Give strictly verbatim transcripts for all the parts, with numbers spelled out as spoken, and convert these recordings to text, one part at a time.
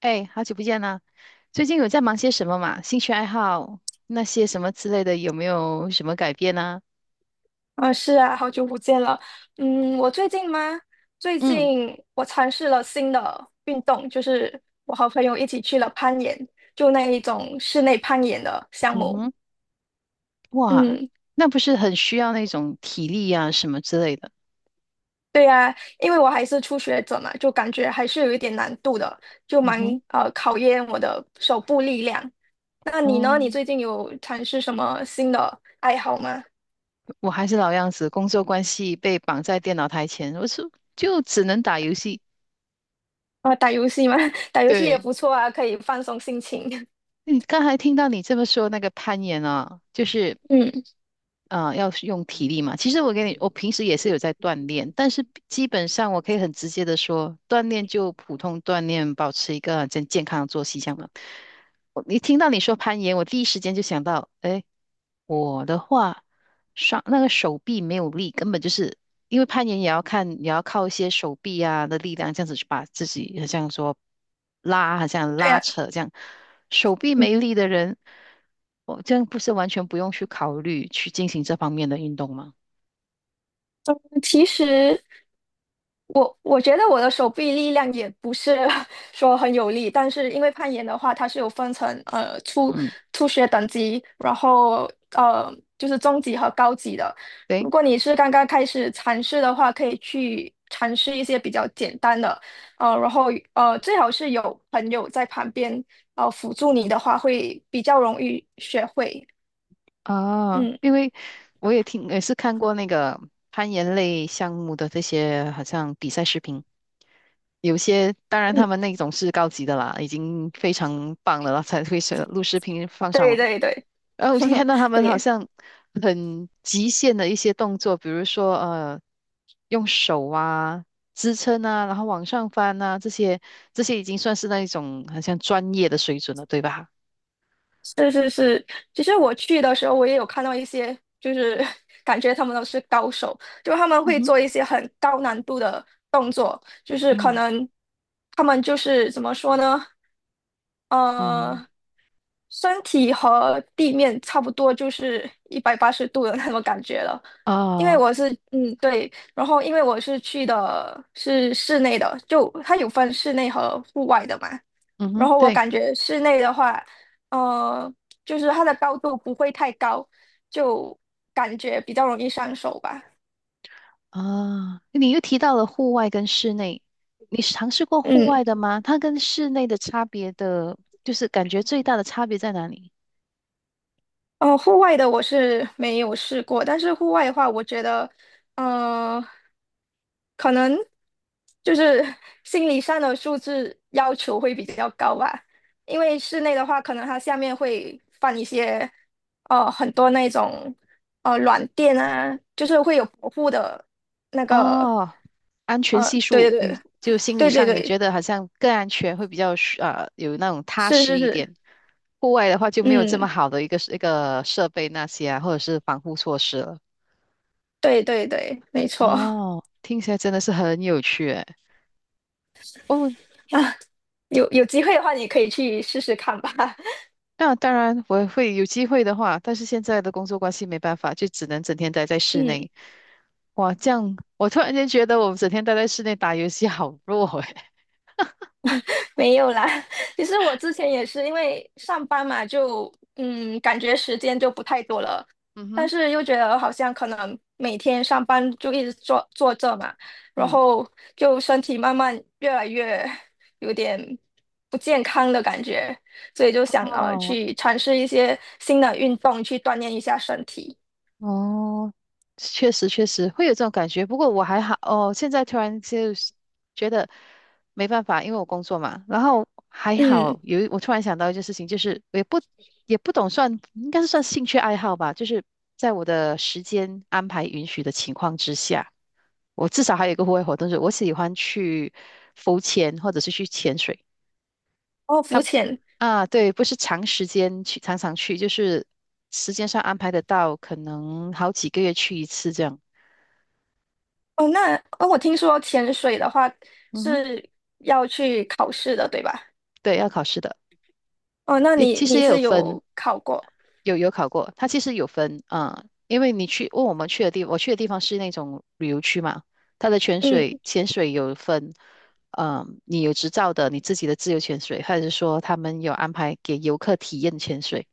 哎，好久不见啦！最近有在忙些什么嘛？兴趣爱好那些什么之类的，有没有什么改变呢？啊，是啊，好久不见了。嗯，我最近吗？最嗯近我尝试了新的运动，就是我和朋友一起去了攀岩，就那一种室内攀岩的项嗯目。哼，哇，嗯，那不是很需要那种体力呀什么之类的？对呀，因为我还是初学者嘛，就感觉还是有一点难度的，就嗯蛮哼，呃考验我的手部力量。那你呢？哦，你最近有尝试什么新的爱好吗？我还是老样子，工作关系被绑在电脑台前，我是就只能打游戏。啊，打游戏吗？打游戏也对，不错啊，可以放松心情。你刚才听到你这么说那个攀岩啊，就是 嗯，啊，要是用体力嘛。其实我给你，我平时也是有在锻炼，但是基本上我可以很直接的说，锻炼就普通锻炼，保持一个很健健康的作息这样嘛。我一听到你说攀岩，我第一时间就想到，哎，我的话，上那个手臂没有力，根本就是因为攀岩也要看，也要靠一些手臂啊的力量，这样子去把自己好像说拉，好像对拉呀，扯这样。手臂没力的人，我这样不是完全不用去考虑去进行这方面的运动吗？其实，我我觉得我的手臂力量也不是 说很有力，但是因为攀岩的话，它是有分成呃初嗯，初学等级，然后呃就是中级和高级的。对。如果你是刚刚开始尝试的话，可以去尝试一些比较简单的，呃，然后呃最好是有朋友在旁边呃辅助你的话，会比较容易学会。啊，嗯因为我也听，也是看过那个攀岩类项目的这些好像比赛视频，有些当然嗯，他们那种是高级的啦，已经非常棒的了，才会选录视频放上对网。对对，然后我就看到他 们好对。像很极限的一些动作，比如说呃，用手啊支撑啊，然后往上翻啊，这些这些已经算是那一种好像专业的水准了，对吧？是是是，其实我去的时候，我也有看到一些，就是 感觉他们都是高手，就他们嗯会哼，做一些很高难度的动作，就是可嗯能他们就是怎么说呢？嗯，呃，身体和地面差不多，就是一百八十度的那种感觉了。因为啊，我是，嗯，对，然后因为我是去的是室内的，就它有分室内和户外的嘛。嗯然哼，后我对。感觉室内的话，呃，就是它的高度不会太高，就感觉比较容易上手吧。啊，你又提到了户外跟室内，你是尝试过户嗯。外的吗？它跟室内的差别的，就是感觉最大的差别在哪里？哦，户外的我是没有试过，但是户外的话，我觉得，呃，可能就是 心理上的素质要求会比较高吧。因为室内的话，可能它下面会放一些，呃，很多那种，呃，软垫啊，就是会有保护的那个，哦，安全呃，系对数，对你就心理对对对上你对，觉得好像更安全，会比较舒呃有那种踏是实是一是，点。户外的话就没有这么嗯，好的一个一个设备那些啊，或者是防护措施了。对对对，没错。哦，听起来真的是很有趣诶。哦，啊，有有机会的话，你可以去试试看吧。那当然，我会有机会的话，但是现在的工作关系没办法，就只能整天待在室嗯，内。哇，这样我突然间觉得我们整天待在室内打游戏好弱诶。没有啦。其实我之前也是因为上班嘛，就嗯，感觉时间就不太多了，嗯但哼，是又觉得好像可能每天上班就一直坐坐这嘛，然嗯，后就身体慢慢越来越有点不健康的感觉，所以就想呃哦去尝试一些新的运动去锻炼一下身体。哦，确实确实会有这种感觉，不过我还好哦。现在突然就是觉得没办法，因为我工作嘛，然后还嗯，好有一我突然想到一件事情，就是我也不也不懂算，应该是算兴趣爱好吧，就是在我的时间安排允许的情况之下，我至少还有一个户外活动，就是我喜欢去浮潜或者是去潜水。哦，浮他潜。啊，对，不是长时间去，常常去，就是时间上安排得到，可能好几个月去一次这样。哦，那哦，我听说潜水的话嗯哼，是要去考试的，对吧？对，要考试的，哦，那也你其实你也有是分，有考过？有有考过，它其实有分啊，因为你去，问我们去的地，我去的地方是那种旅游区嘛，它的潜水嗯潜水有分，嗯、你有执照的，你自己的自由潜水，还是说他们有安排给游客体验潜水，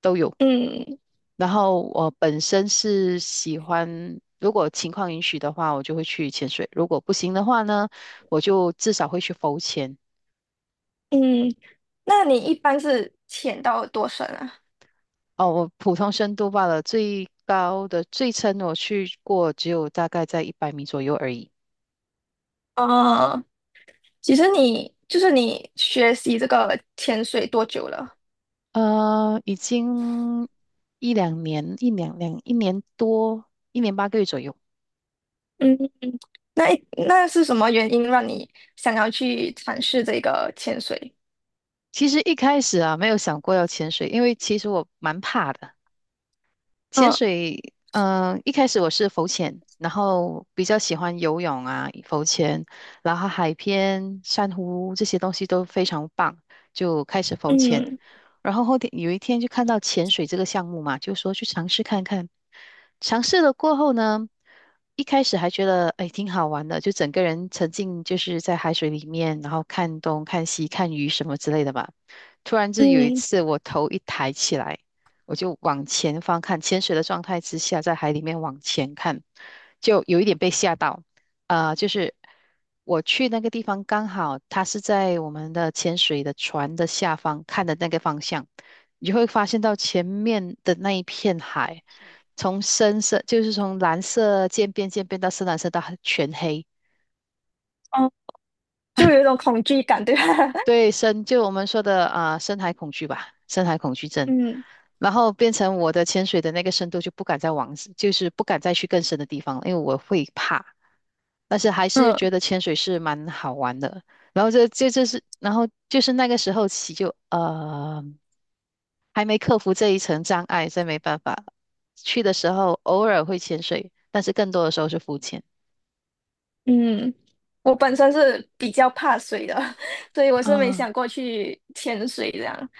都有。嗯然后我本身是喜欢，如果情况允许的话，我就会去潜水；如果不行的话呢，我就至少会去浮潜。嗯，那你一般是潜到多深啊？哦，我普通深度罢了，最高的最深我去过只有大概在一百米左右而已。哦，其实你就是你学习这个潜水多久了？呃，已经一两年，一两两一年多，一年八个月左右。嗯，那一那是什么原因让你想要去尝试这个潜水？其实一开始啊，没有想过要潜水，因为其实我蛮怕的。潜嗯水，嗯、一开始我是浮潜，然后比较喜欢游泳啊，浮潜，然后海边、珊瑚这些东西都非常棒，就开始浮潜。嗯然后后天有一天就看到潜水这个项目嘛，就说去尝试看看。尝试了过后呢，一开始还觉得哎挺好玩的，就整个人沉浸就是在海水里面，然后看东看西看鱼什么之类的吧。突然就有一嗯，次我头一抬起来，我就往前方看，潜水的状态之下在海里面往前看，就有一点被吓到。呃，就是我去那个地方，刚好它是在我们的潜水的船的下方看的那个方向，你就会发现到前面的那一片海，从深色就是从蓝色渐变渐变到深蓝色到全黑，哦，就有一种恐惧感，对吧？对，深就我们说的啊、呃深海恐惧吧，深海恐惧症，嗯然后变成我的潜水的那个深度就不敢再往，就是不敢再去更深的地方了因为我会怕。但是还是嗯觉得潜水是蛮好玩的。然后这这就是，然后就是那个时候起就呃还没克服这一层障碍，所以没办法。去的时候偶尔会潜水，但是更多的时候是浮潜。嗯，我本身是比较怕水的，所以我是没啊。想过去潜水这样。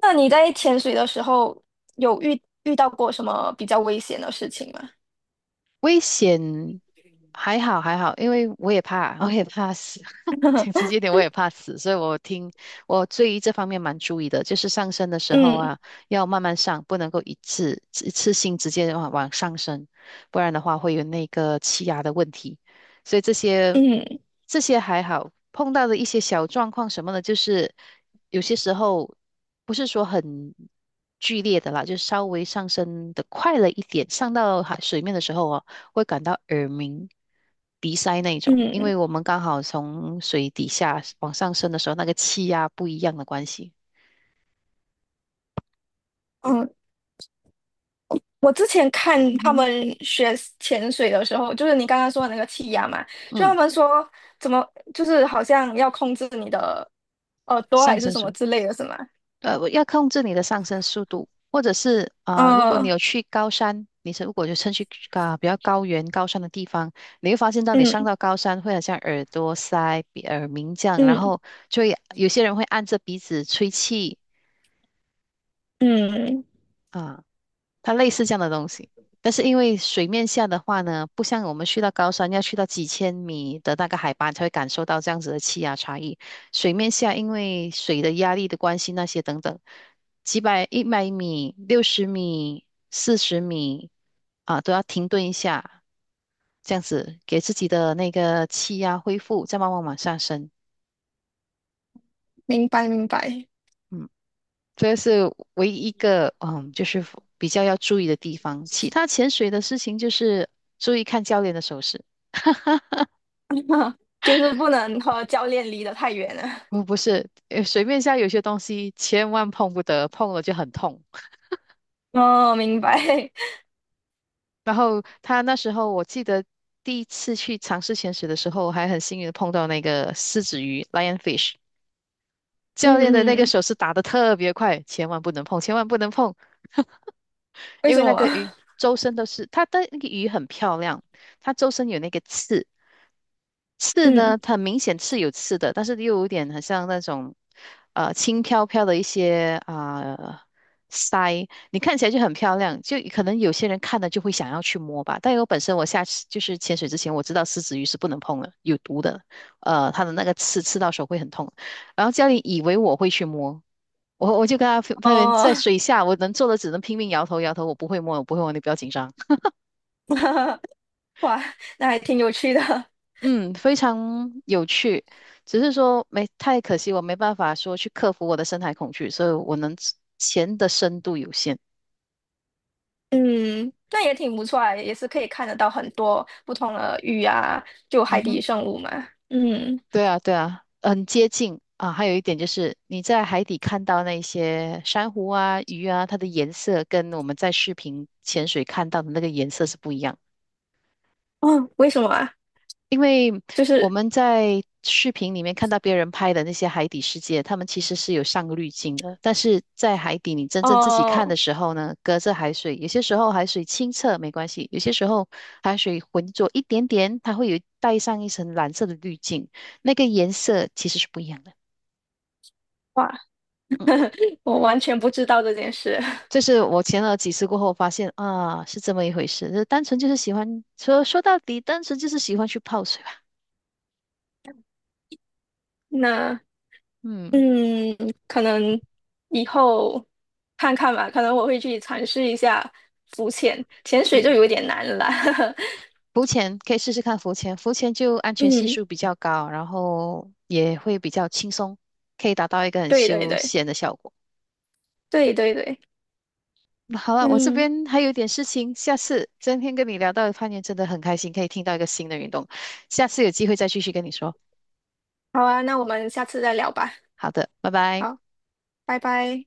那你在潜水的时候有遇遇到过什么比较危险的事情吗？危险还好还好，因为我也怕，我也怕死。讲直接点，我也怕死，所以我听我对于这方面蛮注意的，就是上升的时候嗯啊，要慢慢上，不能够一次一次性直接往往上升，不然的话会有那个气压的问题。所以这些嗯这些还好，碰到的一些小状况什么的，就是有些时候不是说很剧烈的啦，就稍微上升的快了一点，上到海水面的时候哦。会感到耳鸣、鼻塞那种，因嗯为我们刚好从水底下往上升的时候，那个气压不一样的关系。嗯，我之前看嗯他们哼，学潜水的时候，就是你刚刚说的那个气压嘛，就他嗯，们说怎么就是好像要控制你的耳朵上还是升什么速，之类的，是吗？呃，我要控制你的上升速度，或者是啊、如果你嗯有去高山，你是如果就趁去啊、比较高原、高山的地方，你会发现到你上嗯到高山会很像耳朵塞、鼻耳鸣这样，然嗯后就会有些人会按着鼻子吹气嗯，啊、呃它类似这样的东西。但是因为水面下的话呢，不像我们去到高山要去到几千米的那个海拔才会感受到这样子的气压差异。水面下因为水的压力的关系，那些等等，几百、一百米、六十米、四十米啊，都要停顿一下，这样子给自己的那个气压恢复，再慢慢往上升。明白明白。嗯。这是唯一一个嗯，就是比较要注意的地方。其他潜水的事情就是注意看教练的手势，就是不能和教练离得太远了。不不是，呃水面下有些东西千万碰不得，碰了就很痛。哦，明白。然后他那时候我记得第一次去尝试潜水的时候，还很幸运的碰到那个狮子鱼 （lionfish），教练的那嗯个嗯，手势打得特别快，千万不能碰，千万不能碰，为因什为那么？个鱼周身都是，它的那个鱼很漂亮，它周身有那个刺。刺嗯，呢，它明显刺有刺的，但是又有点很像那种，呃，轻飘飘的一些啊、呃腮，你看起来就很漂亮，就可能有些人看了就会想要去摸吧。但我本身我下次就是潜水之前，我知道狮子鱼是不能碰的，有毒的，呃，它的那个刺刺到手会很痛。然后教练以为我会去摸，我我就跟他分分别在哦，水下，我能做的只能拼命摇头摇头，我不会摸，我不会摸，你不要紧张。哇，那还挺有趣的。嗯，非常有趣，只是说没太可惜，我没办法说去克服我的深海恐惧，所以我能潜的深度有限。嗯，那也挺不错啊，也是可以看得到很多不同的鱼啊，就嗯海底哼，生物嘛。嗯，对啊，对啊，很接近啊。还有一点就是你在海底看到那些珊瑚啊、鱼啊，它的颜色跟我们在视频潜水看到的那个颜色是不一样的。哦，为什么啊？因为就我是们在视频里面看到别人拍的那些海底世界，他们其实是有上个滤镜的。但是在海底，你真正自己看哦，的时候呢，隔着海水，有些时候海水清澈没关系，有些时候海水浑浊一点点，它会有带上一层蓝色的滤镜，那个颜色其实是不一样的。哇，嗯，我完全不知道这件事。这是我前了几次过后发现啊，是这么一回事。就单纯就是喜欢，说说到底，单纯就是喜欢去泡水吧。那嗯嗯，可能以后看看吧，可能我会去尝试一下浮潜，潜水就嗯。有点难了哈。浮潜可以试试看浮潜，浮潜就安全系嗯，数比较高，然后也会比较轻松，可以达到一个很对对休对闲的效果。对对对，好了，我这嗯，边还有点事情，下次今天跟你聊到攀岩真的很开心，可以听到一个新的运动，下次有机会再继续跟你说。好啊，那我们下次再聊吧。好的，拜拜。好，拜拜。